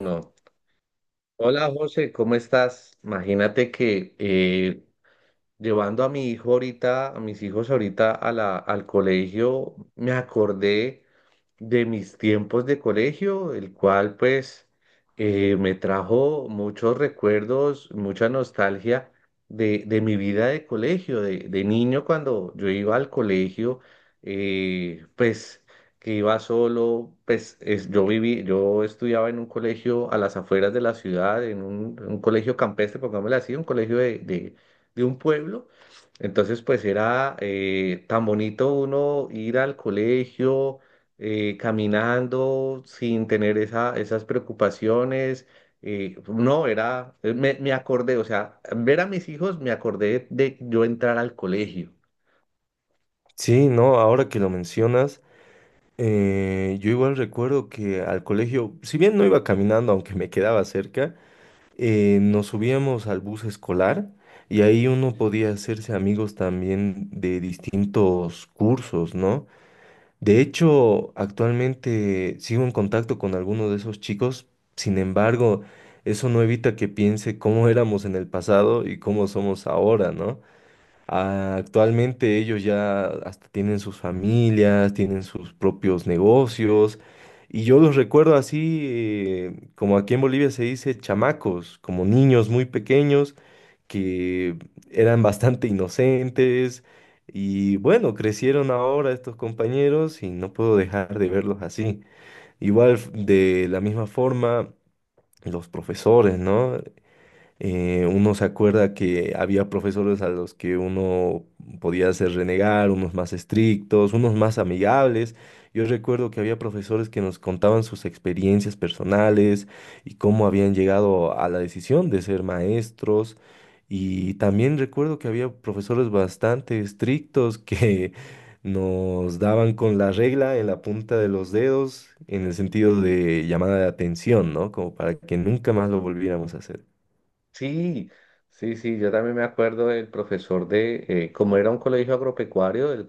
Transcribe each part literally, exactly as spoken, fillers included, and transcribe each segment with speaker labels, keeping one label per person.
Speaker 1: No. Hola José, ¿cómo estás? Imagínate que eh, llevando a mi hijo ahorita, a mis hijos ahorita a la, al colegio, me acordé de mis tiempos de colegio, el cual pues eh, me trajo muchos recuerdos, mucha nostalgia de, de mi vida de colegio, de, de niño cuando yo iba al colegio, eh, pues que iba solo, pues es- yo viví, yo estudiaba en un colegio a las afueras de la ciudad, en un, un colegio campestre, pongámosle así, un colegio de, de- de un pueblo. Entonces, pues era eh, tan bonito uno ir al colegio eh, caminando sin tener esa, esas preocupaciones. Eh, no, era, eh, me, me acordé, o sea, ver a mis hijos me acordé de yo entrar al colegio.
Speaker 2: Sí, no, ahora que lo mencionas, eh, yo igual recuerdo que al colegio, si bien no iba caminando, aunque me quedaba cerca, eh, nos subíamos al bus escolar y ahí uno podía hacerse amigos también de distintos cursos, ¿no? De hecho, actualmente sigo en contacto con algunos de esos chicos, sin embargo, eso no evita que piense cómo éramos en el pasado y cómo somos ahora, ¿no? Ah, Actualmente ellos ya hasta tienen sus familias, tienen sus propios negocios y yo los recuerdo así, eh, como aquí en Bolivia se dice, chamacos, como niños muy pequeños que eran bastante inocentes y bueno, crecieron ahora estos compañeros y no puedo dejar de verlos así. Igual f- de la misma forma los profesores, ¿no? Eh, uno se acuerda que había profesores a los que uno podía hacer renegar, unos más estrictos, unos más amigables. Yo recuerdo que había profesores que nos contaban sus experiencias personales y cómo habían llegado a la decisión de ser maestros. Y también recuerdo que había profesores bastante estrictos que nos daban con la regla en la punta de los dedos en el sentido de llamada de atención, ¿no? Como para que nunca más lo volviéramos a hacer.
Speaker 1: Sí, sí, sí, yo también me acuerdo del profesor de, eh, como era un colegio agropecuario, el,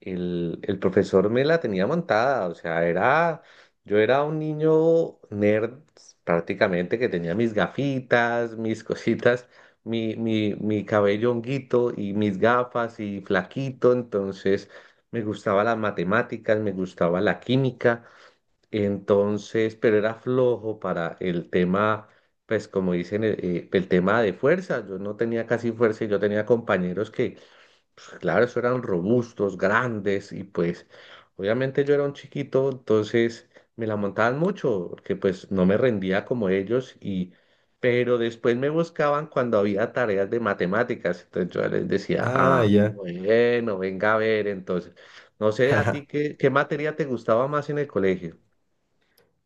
Speaker 1: El, el profesor me la tenía montada, o sea, era, yo era un niño nerd prácticamente que tenía mis gafitas, mis cositas, mi, mi, mi cabello honguito y mis gafas y flaquito, entonces me gustaba las matemáticas, me gustaba la química, entonces, pero era flojo para el tema, pues como dicen, eh, eh, el tema de fuerza, yo no tenía casi fuerza y yo tenía compañeros que pues, claro, eso eran robustos, grandes y pues obviamente yo era un chiquito, entonces me la montaban mucho porque pues no me rendía como ellos y pero después me buscaban cuando había tareas de matemáticas, entonces yo les decía,
Speaker 2: Ah,
Speaker 1: ah,
Speaker 2: ya.
Speaker 1: bueno, venga a ver, entonces, no sé a ti qué, qué materia te gustaba más en el colegio.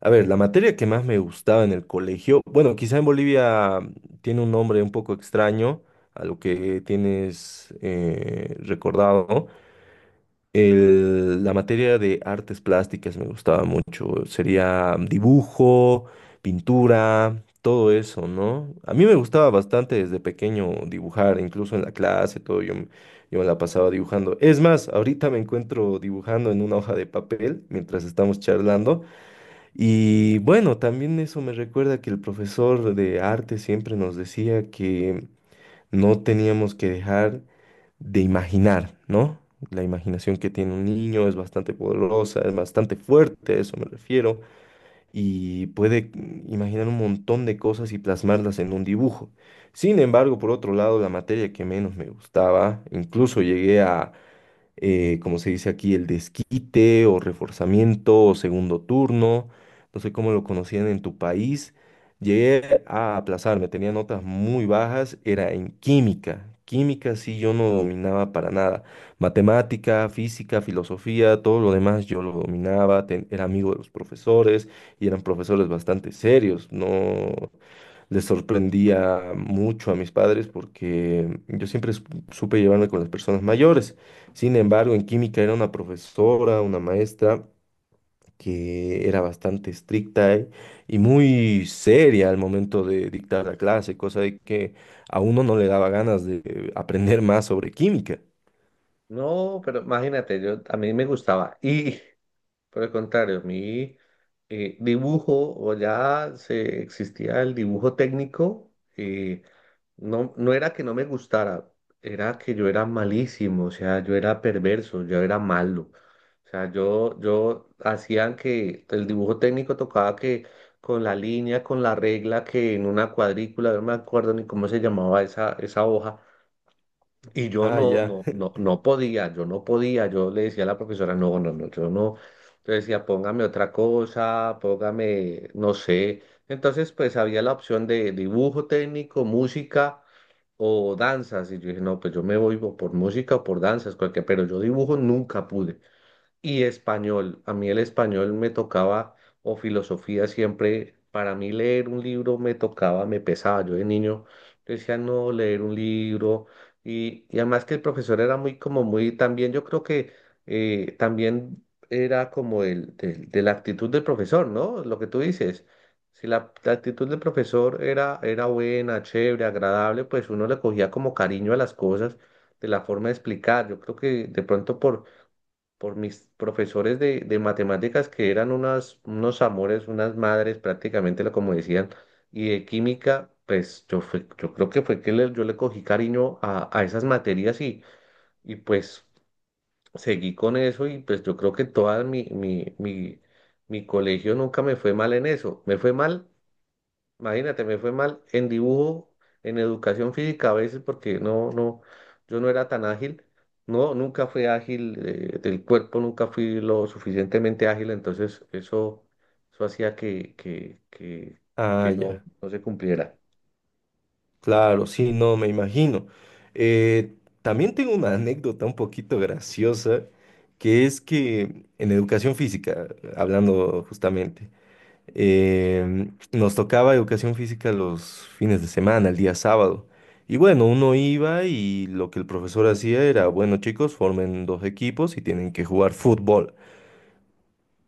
Speaker 2: A ver, la materia que más me gustaba en el colegio, bueno, quizá en Bolivia mm, tiene un nombre un poco extraño a lo que tienes eh, recordado. El- la materia de artes plásticas me gustaba mucho. Sería dibujo, pintura, todo eso, ¿no? A mí me gustaba bastante desde pequeño dibujar, incluso en la clase, todo. Yo, me- yo me la pasaba dibujando. Es más, ahorita me encuentro dibujando en una hoja de papel mientras estamos charlando. Y bueno, también eso me recuerda que el profesor de arte siempre nos decía que no teníamos que dejar de imaginar, ¿no? La imaginación que tiene un niño es bastante poderosa, es bastante fuerte, a eso me refiero, y puede mm, imaginar un montón de cosas y plasmarlas en un dibujo. Sin embargo, por otro lado, la materia que menos me gustaba, incluso llegué a eh, como se dice aquí, el desquite o reforzamiento o segundo turno, no sé cómo lo conocían en tu país. Llegué a aplazarme, tenía notas muy bajas, era en química. Química sí yo no dominaba para nada. Matemática, física, filosofía, todo lo demás yo lo dominaba, ten- era amigo de los profesores y eran profesores bastante serios, no les sorprendía mucho a mis padres porque yo siempre su- supe llevarme con las personas mayores. Sin embargo, en química era una profesora, una maestra que era bastante estricta y y muy seria al momento de dictar la clase, cosa de que a uno no le daba ganas de aprender más sobre química.
Speaker 1: No, pero imagínate, yo a mí me gustaba y por el contrario, mi eh, dibujo, o ya se, existía el dibujo técnico, eh, no, no era que no me gustara, era que yo era malísimo, o sea, yo era perverso, yo era malo. O sea, yo, yo hacían que el dibujo técnico tocaba que con la línea, con la regla, que en una cuadrícula, no me acuerdo ni cómo se llamaba esa, esa hoja y yo
Speaker 2: Ah,
Speaker 1: no,
Speaker 2: ya,
Speaker 1: no, no, no podía, yo no podía, yo le decía a la profesora, no, no, no, yo no. Yo decía, póngame otra cosa, póngame, no sé. Entonces, pues había la opción de dibujo técnico, música o danzas. Y yo dije, no, pues yo me voy o por música o por danzas, cualquier, pero yo dibujo nunca pude. Y español, a mí el español me tocaba, o filosofía siempre, para mí leer un libro me tocaba, me pesaba. Yo de niño decía, no, leer un libro. Y, y además que el profesor era muy, como muy, también yo creo que eh, también era como el, del- de, la actitud del profesor, ¿no? Lo que tú dices. Si la, la actitud del profesor era, era buena, chévere, agradable, pues uno le cogía como cariño a las cosas de la forma de explicar. Yo creo que de pronto por por mis profesores de, de matemáticas que eran unas, unos amores, unas madres prácticamente, lo como decían, y de química, pues yo, fue- yo creo que fue que le- yo le cogí cariño a, a esas materias y, y pues seguí con eso y pues yo creo que toda mi, mi, mi, mi colegio nunca me fue mal en eso, me fue mal. Imagínate, me fue mal en dibujo, en educación física a veces porque no, no, yo no era tan ágil. No, nunca fui ágil eh, del cuerpo, nunca fui lo suficientemente ágil, entonces eso, eso hacía que, que, que,
Speaker 2: ah,
Speaker 1: que no,
Speaker 2: ya.
Speaker 1: no se cumpliera.
Speaker 2: Claro, sí, no, me imagino. Eh, También tengo una anécdota un poquito graciosa, que es que en educación física, hablando justamente, em, nos tocaba educación física los fines de semana, el día sábado. Y bueno, uno iba y lo que el profesor hacía era, bueno, chicos, formen dos equipos y tienen que jugar fútbol.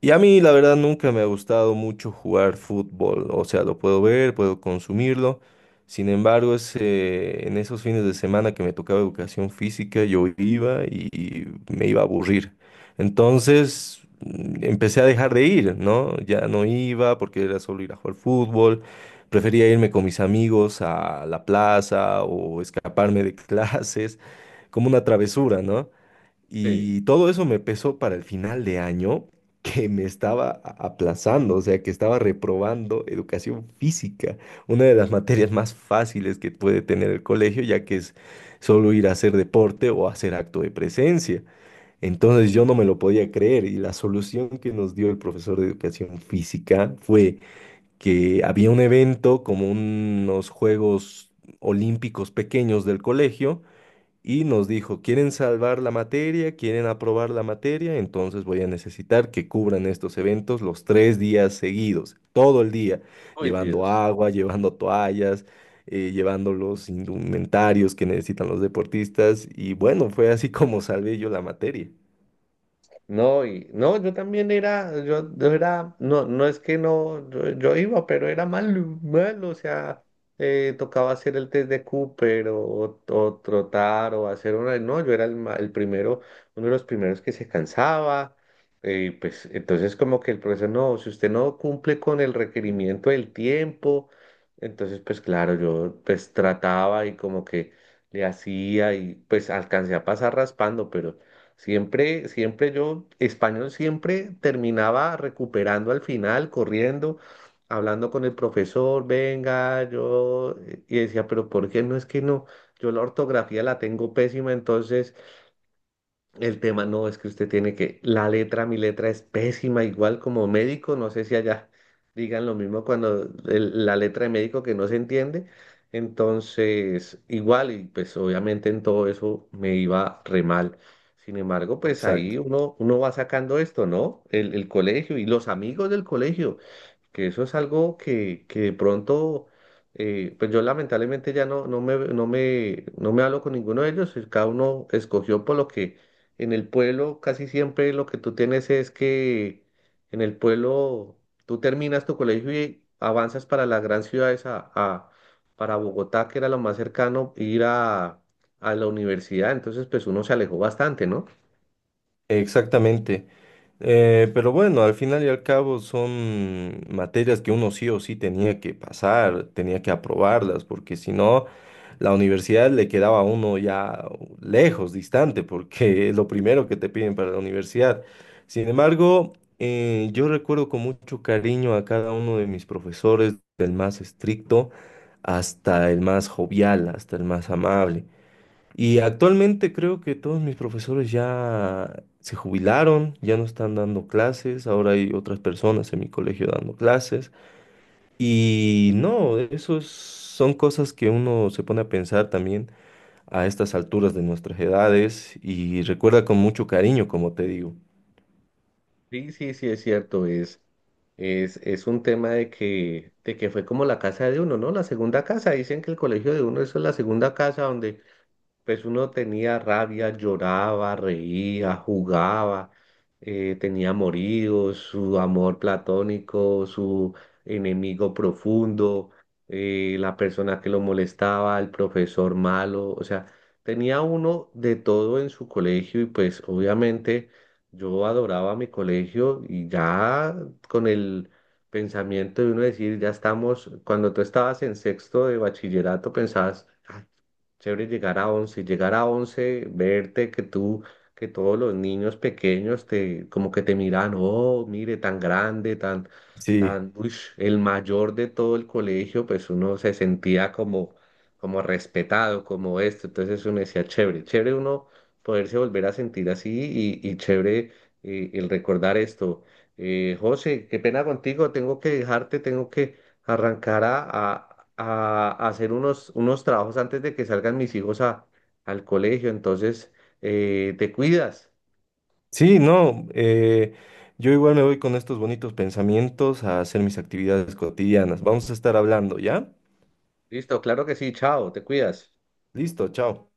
Speaker 2: Y a mí, la verdad, nunca me ha gustado mucho jugar fútbol. O sea, lo puedo ver, puedo consumirlo. Sin embargo, ese- en esos fines de semana que me tocaba educación física, yo iba y me iba a aburrir. Entonces, mm, empecé a dejar de ir, ¿no? Ya no iba porque era solo ir a jugar fútbol. Prefería irme con mis amigos a la plaza o escaparme de clases, como una travesura, ¿no?
Speaker 1: Sí.
Speaker 2: Y todo eso me pesó para el final de año que me estaba a- aplazando, o sea, que estaba reprobando educación física, una de las materias más fáciles que puede tener el colegio, ya que es solo ir a hacer deporte o hacer acto de presencia. Entonces yo no me lo podía creer y la solución que nos dio el profesor de educación física fue que había un evento como unos Juegos Olímpicos pequeños del colegio y nos dijo, ¿quieren salvar la materia? ¿Quieren aprobar la materia? Entonces voy a necesitar que cubran estos eventos los tres días seguidos, todo el día,
Speaker 1: Uy,
Speaker 2: llevando
Speaker 1: Dios.
Speaker 2: agua, llevando toallas, eh, llevando los indumentarios que necesitan los deportistas. Y bueno, fue así como salvé yo la materia.
Speaker 1: No, y no, yo también era, yo, yo era, no, no es que no, yo, yo iba, pero era malo, malo, o sea, eh, tocaba hacer el test de Cooper o, o trotar o hacer una, no, yo era el, ma- el primero, uno de los primeros que se cansaba, eh, pues entonces como que el profesor, no, si usted no cumple con el requerimiento del tiempo, entonces pues claro, yo pues trataba y como que le hacía y pues alcancé a pasar raspando, pero... Siempre, siempre yo, español siempre terminaba recuperando al final, corriendo, hablando con el profesor, venga, yo, eh, y decía, pero ¿por qué no es que no? Yo la ortografía la tengo pésima, entonces el tema no es que usted tiene que, la letra, mi letra es pésima, igual como médico, no sé si allá digan lo mismo cuando el- la letra de médico que no se entiende, entonces igual y pues obviamente en todo eso me iba re mal. Sin embargo, pues
Speaker 2: Exacto.
Speaker 1: ahí uno, uno va sacando esto, ¿no? El, el colegio y los amigos del colegio que eso es algo que, que de pronto, eh, pues yo lamentablemente ya no, no me, no me, no me hablo con ninguno de ellos, y cada uno escogió por lo que en el pueblo casi siempre lo que tú tienes es que en el pueblo tú terminas tu colegio y avanzas para las grandes ciudades, a, a- para Bogotá, que era lo más cercano, ir a, a la universidad, entonces pues uno se alejó bastante, ¿no?
Speaker 2: Exactamente. Eh, pero bueno, al final y al cabo son materias que uno sí o sí tenía que pasar, tenía que aprobarlas, porque si no, la universidad le quedaba a uno ya lejos, distante, porque es lo primero que te piden para la universidad. Sin embargo, eh, yo recuerdo con mucho cariño a cada uno de mis profesores, del más estricto hasta el más jovial, hasta el más amable. Y actualmente creo que todos mis profesores ya se jubilaron, ya no están dando clases, ahora hay otras personas en mi colegio dando clases. Y no, esos son cosas que uno se pone a pensar también a estas alturas de nuestras edades y recuerda con mucho cariño, como te digo.
Speaker 1: Sí, sí, sí, es cierto, es, es, es un tema de que, de que fue como la casa de uno, ¿no? La segunda casa, dicen que el colegio de uno, eso es la segunda casa donde pues uno tenía rabia, lloraba, reía, jugaba, eh, tenía amoríos, su amor platónico, su enemigo profundo, eh, la persona que lo molestaba, el profesor malo, o sea, tenía uno de todo en su colegio y pues obviamente yo adoraba mi colegio y ya con el... pensamiento de uno decir, ya estamos, cuando tú estabas en sexto de bachillerato pensabas, "Ah, chévere llegar a once, llegar a once verte que tú, que todos los niños pequeños te, como que te miran, oh, mire, tan grande, tan,
Speaker 2: Sí,
Speaker 1: tan, uish", el mayor de todo el colegio, pues uno se sentía como, como respetado, como esto, entonces uno decía, chévere, chévere uno poderse volver a sentir así y, y chévere eh, el recordar esto. Eh, José, qué pena contigo, tengo que dejarte, tengo que arrancar a, a- a hacer unos, unos trabajos antes de que salgan mis hijos a, al colegio. Entonces, eh, te cuidas.
Speaker 2: sí, no, eh, yo igual me voy con estos bonitos pensamientos a hacer mis actividades cotidianas. Vamos a estar hablando, ¿ya?
Speaker 1: Listo, claro que sí, chao, te cuidas.
Speaker 2: Listo, chao.